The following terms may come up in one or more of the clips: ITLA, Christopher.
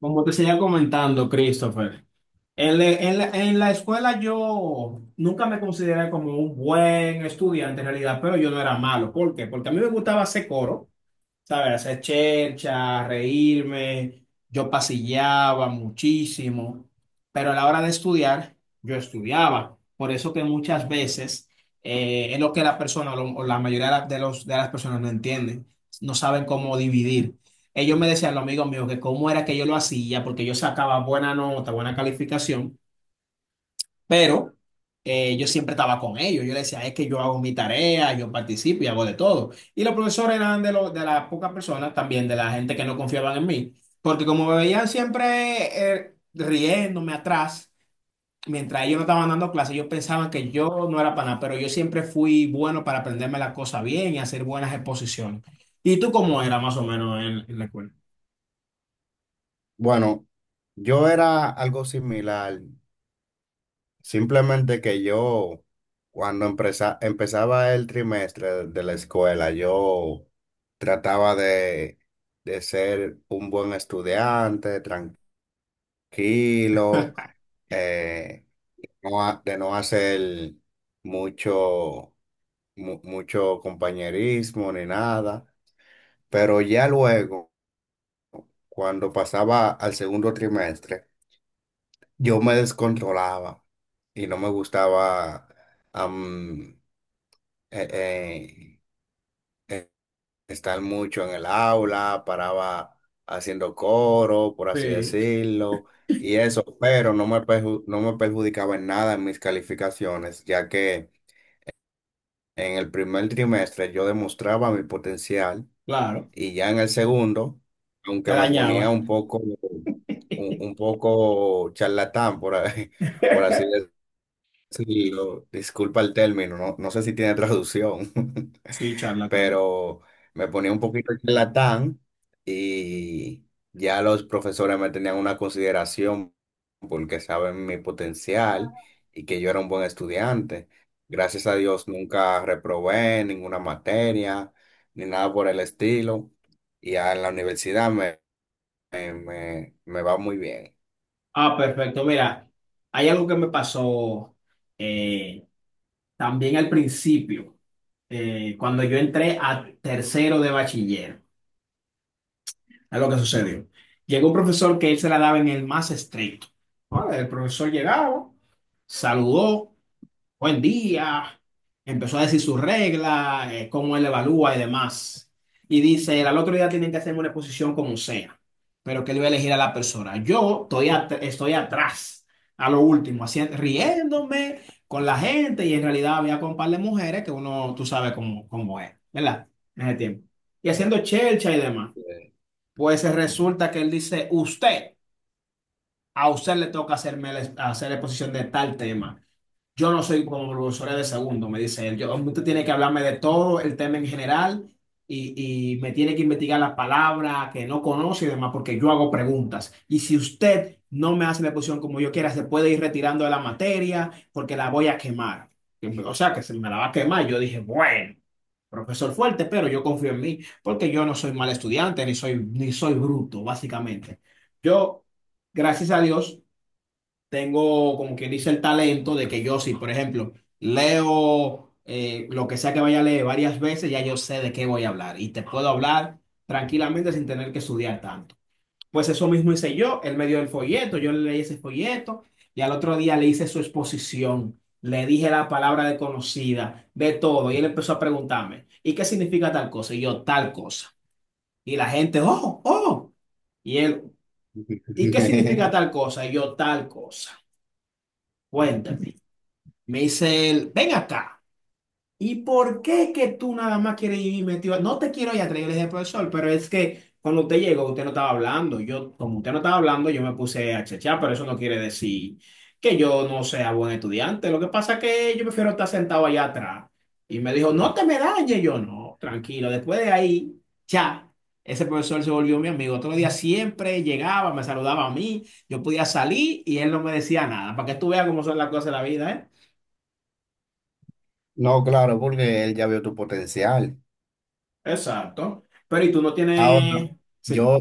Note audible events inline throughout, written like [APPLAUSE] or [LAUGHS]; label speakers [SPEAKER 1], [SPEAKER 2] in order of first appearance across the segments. [SPEAKER 1] Como te seguía comentando, Christopher, en la escuela yo nunca me consideré como un buen estudiante en realidad, pero yo no era malo. ¿Por qué? Porque a mí me gustaba hacer coro. ¿Sabes? Hacer chercha, reírme. Yo pasillaba muchísimo, pero a la hora de estudiar, yo estudiaba. Por eso que muchas veces es lo que la persona o la mayoría de de las personas no entienden, no saben cómo dividir. Ellos me decían, los amigos míos, que cómo era que yo lo hacía, porque yo sacaba buena nota, buena calificación, pero yo siempre estaba con ellos. Yo les decía, es que yo hago mi tarea, yo participo y hago de todo. Y los profesores eran de, los de las pocas personas también, de la gente que no confiaban en mí. Porque como me veían siempre riéndome atrás, mientras ellos no estaban dando clases, ellos pensaban que yo no era para nada. Pero yo siempre fui bueno para aprenderme las cosas bien y hacer buenas exposiciones. ¿Y tú cómo era más o menos en la escuela?
[SPEAKER 2] Bueno, yo era algo similar, simplemente que yo, cuando empezaba el trimestre de la escuela, yo trataba de ser un buen estudiante, tranquilo, eh, de no hacer mucho, mucho compañerismo ni nada, pero ya luego, cuando pasaba al segundo trimestre, yo me descontrolaba y no me gustaba am, eh, eh, eh, estar mucho en el aula, paraba haciendo coro, por así
[SPEAKER 1] Sí,
[SPEAKER 2] decirlo, y eso, pero no me perjudicaba en nada en mis calificaciones, ya que en el primer trimestre yo demostraba mi potencial
[SPEAKER 1] claro,
[SPEAKER 2] y ya en el segundo,
[SPEAKER 1] te
[SPEAKER 2] aunque me ponía
[SPEAKER 1] dañaba.
[SPEAKER 2] un poco charlatán, [LAUGHS] por así
[SPEAKER 1] [LAUGHS]
[SPEAKER 2] decirlo. Sí, disculpa el término, no, no sé si tiene traducción. [LAUGHS]
[SPEAKER 1] Sí, charlatán.
[SPEAKER 2] Pero me ponía un poquito charlatán y ya los profesores me tenían una consideración porque saben mi potencial y que yo era un buen estudiante. Gracias a Dios nunca reprobé ninguna materia ni nada por el estilo y ya en la universidad me va muy bien.
[SPEAKER 1] Ah, perfecto. Mira, hay algo que me pasó, eh, también al principio, cuando yo entré a tercero de bachiller. Es lo que sucedió. Llegó un profesor que él se la daba en el más estricto. ¿No? El profesor llegaba, saludó buen día, empezó a decir sus reglas, cómo él evalúa y demás. Y dice, al otro día tienen que hacerme una exposición como sea, pero que él va a elegir a la persona. Yo estoy atrás, a lo último, haciendo, riéndome con la gente y en realidad había con un par de mujeres que uno, tú sabes cómo, cómo es, ¿verdad? En ese tiempo. Y haciendo chelcha y demás.
[SPEAKER 2] Eh,
[SPEAKER 1] Pues resulta que él dice, usted, a usted le toca hacer exposición de tal tema. Yo no soy como profesora de segundo, me dice él. Yo, usted tiene que hablarme de todo el tema en general y me tiene que investigar las palabras que no conoce y demás, porque yo hago preguntas. Y si usted no me hace la exposición como yo quiera, se puede ir retirando de la materia porque la voy a quemar. O sea, que se me la va a quemar. Yo dije, bueno, profesor fuerte, pero yo confío en mí porque yo no soy mal estudiante ni soy, ni soy bruto, básicamente. Yo, gracias a Dios tengo, como quien dice, el talento de que yo, si por ejemplo leo lo que sea que vaya a leer varias veces, ya yo sé de qué voy a hablar y te puedo hablar tranquilamente sin tener que estudiar tanto. Pues eso mismo hice yo, él me dio el folleto, yo le leí ese folleto y al otro día le hice su exposición. Le dije la palabra desconocida, de todo, y él empezó a preguntarme, ¿y qué significa tal cosa? Y yo, tal cosa. Y la gente, oh, oh. Y él, ¿y qué significa
[SPEAKER 2] [LAUGHS]
[SPEAKER 1] tal cosa? Y yo, tal cosa. Cuéntame. Me dice él, ven acá. ¿Y por qué que tú nada más quieres ir metido? No te quiero ir atrás, yo le dije, profesor, pero es que cuando usted llegó, usted no estaba hablando. Yo, como usted no estaba hablando, yo me puse a chechar, pero eso no quiere decir que yo no sea buen estudiante. Lo que pasa es que yo prefiero estar sentado allá atrás. Y me dijo, no te me dañes. Yo, no, tranquilo. Después de ahí, ya. Ese profesor se volvió mi amigo. Otro día siempre llegaba, me saludaba a mí, yo podía salir y él no me decía nada. Para que tú veas cómo son las cosas de la vida, ¿eh?
[SPEAKER 2] No, claro, porque él ya vio tu potencial.
[SPEAKER 1] Exacto. Pero ¿y tú no
[SPEAKER 2] Ahora,
[SPEAKER 1] tienes... Sí.
[SPEAKER 2] yo,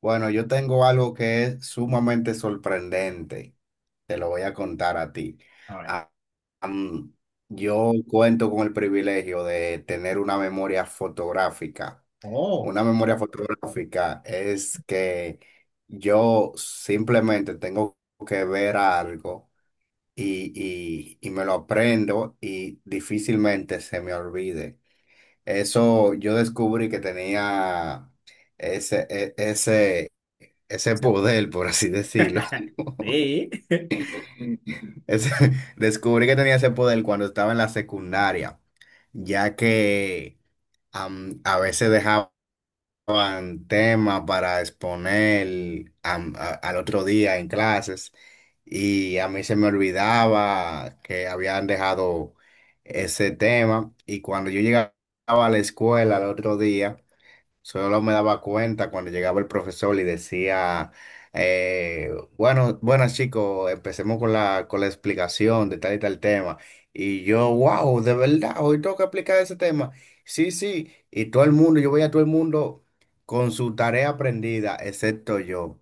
[SPEAKER 2] bueno, yo tengo algo que es sumamente sorprendente. Te lo voy a contar a ti.
[SPEAKER 1] A ver.
[SPEAKER 2] Ah, am, yo cuento con el privilegio de tener una memoria fotográfica.
[SPEAKER 1] Oh,
[SPEAKER 2] Una memoria fotográfica es que yo simplemente tengo que ver algo y, y me lo aprendo y difícilmente se me olvide. Eso yo descubrí que tenía ese, e- ese, ese poder, por así decirlo.
[SPEAKER 1] [LAUGHS]
[SPEAKER 2] [LAUGHS]
[SPEAKER 1] sí.
[SPEAKER 2] Ese- Descubrí que tenía ese poder cuando estaba en la secundaria, ya que a veces dejaban temas para exponer al otro día en clases y a mí se me olvidaba que habían dejado ese tema, y cuando yo llegaba a la escuela al otro día, solo me daba cuenta cuando llegaba el profesor y decía, eh, bueno, buenas chicos, empecemos con la explicación de tal y tal tema. Y yo, wow, de verdad, hoy tengo que explicar ese tema. Sí, sí, y todo el mundo, yo veía a todo el mundo con su tarea aprendida, excepto yo.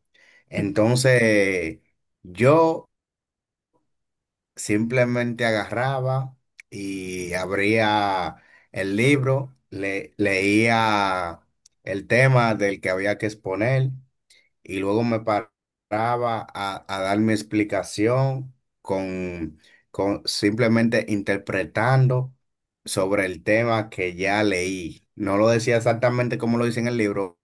[SPEAKER 2] Entonces, yo... simplemente agarraba y abría el libro, leía el tema del que había que exponer y luego me paraba a dar mi explicación con, con simplemente interpretando sobre el tema que ya leí. No lo decía exactamente como lo dice en el libro,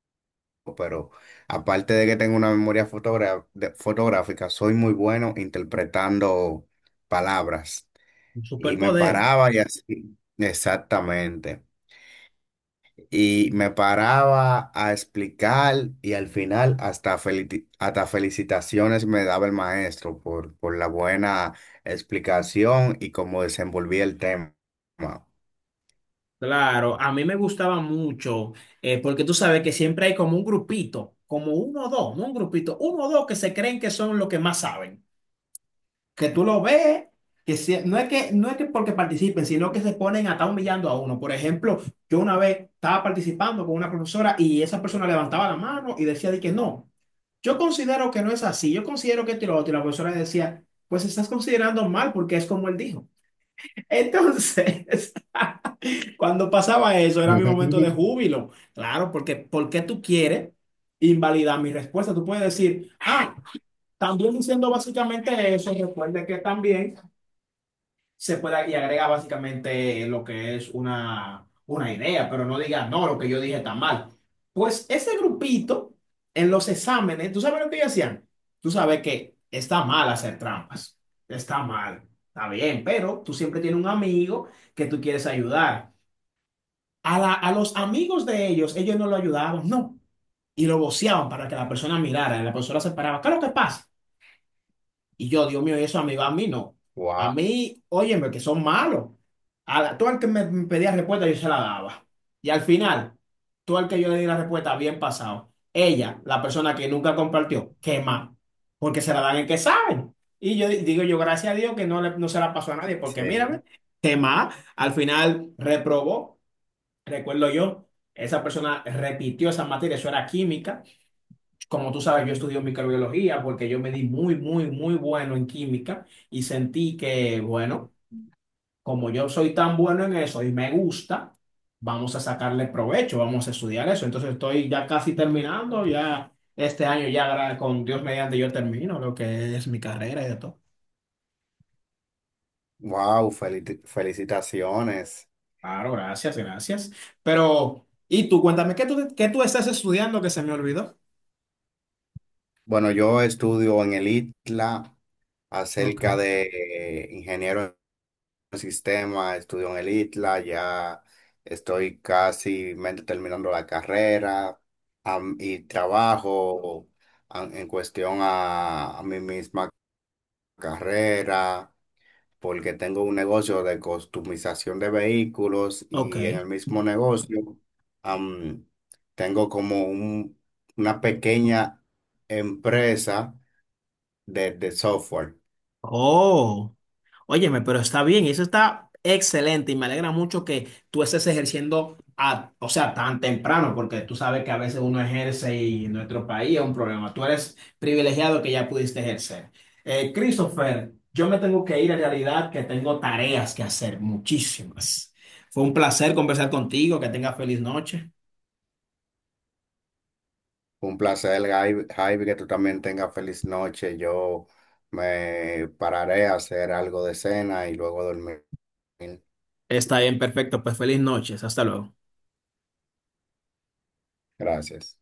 [SPEAKER 2] pero aparte de que tengo una memoria fotográfica, soy muy bueno interpretando palabras.
[SPEAKER 1] Un
[SPEAKER 2] Y me
[SPEAKER 1] superpoder.
[SPEAKER 2] paraba y así, exactamente. Y me paraba a explicar y al final hasta, hasta felicitaciones me daba el maestro por la buena explicación y cómo desenvolví el tema.
[SPEAKER 1] Claro, a mí me gustaba mucho, porque tú sabes que siempre hay como un grupito, como uno o dos, no un grupito, uno o dos que se creen que son los que más saben. Que tú lo ves, no es que, no es que porque participen, sino que se ponen a estar humillando a uno. Por ejemplo, yo una vez estaba participando con una profesora y esa persona levantaba la mano y decía de que no. Yo considero que no es así, yo considero que esto y lo otro. Y la profesora le decía, pues estás considerando mal porque es como él dijo. Entonces, [LAUGHS] cuando pasaba eso, era mi momento de
[SPEAKER 2] [LAUGHS]
[SPEAKER 1] júbilo. Claro, porque ¿por qué tú quieres invalidar mi respuesta? Tú puedes decir, ah, también diciendo básicamente eso, recuerda que también se pueda y agrega básicamente lo que es una idea, pero no diga, no, lo que yo dije está mal. Pues ese grupito en los exámenes, ¿tú sabes lo que ellos hacían? Tú sabes que está mal hacer trampas, está mal, está bien, pero tú siempre tienes un amigo que tú quieres ayudar. A los amigos de ellos, ellos no lo ayudaban, no. Y lo voceaban para que la persona mirara, y la persona se paraba. ¿Qué es lo que pasa? Y yo, Dios mío, ¿y eso a mí va? A mí no. A
[SPEAKER 2] Wow,
[SPEAKER 1] mí, óyeme, que son malos. Tú al que me pedía respuesta, yo se la daba. Y al final, tú al que yo le di la respuesta, bien pasado. Ella, la persona que nunca compartió, qué mal. Porque se la dan en que saben. Y yo digo, yo gracias a Dios que no, no se la pasó a nadie, porque
[SPEAKER 2] sí.
[SPEAKER 1] mírame, qué mal. Al final reprobó, recuerdo yo, esa persona repitió esa materia, eso era química. Como tú sabes, yo estudio microbiología porque yo me di muy, muy, muy bueno en química y sentí que, bueno, como yo soy tan bueno en eso y me gusta, vamos a sacarle provecho, vamos a estudiar eso. Entonces estoy ya casi terminando, ya este año ya con Dios mediante yo termino lo que es mi carrera y de todo.
[SPEAKER 2] Wow, felicitaciones.
[SPEAKER 1] Claro, gracias, gracias. Pero, y tú, cuéntame, qué tú estás estudiando que se me olvidó?
[SPEAKER 2] Bueno, yo estudio en el ITLA
[SPEAKER 1] Ok.
[SPEAKER 2] acerca de ingeniero en sistema, estudio en el ITLA, ya estoy casi mente terminando la carrera y trabajo en cuestión a mi misma carrera porque tengo un negocio de customización de vehículos,
[SPEAKER 1] Ok.
[SPEAKER 2] y en el mismo negocio am, tengo como una pequeña empresa de software.
[SPEAKER 1] Oh. Óyeme, pero está bien, y eso está excelente y me alegra mucho que tú estés ejerciendo, a, o sea, tan temprano, porque tú sabes que a veces uno ejerce y en nuestro país es un problema. Tú eres privilegiado que ya pudiste ejercer. Christopher, yo me tengo que ir en realidad, que tengo tareas que hacer, muchísimas. Fue un placer conversar contigo, que tengas feliz noche.
[SPEAKER 2] Un placer, Javi, que tú también tengas feliz noche. Yo me pararé a hacer algo de cena y luego dormir.
[SPEAKER 1] Está bien, perfecto, pues feliz noches, hasta luego.
[SPEAKER 2] Gracias.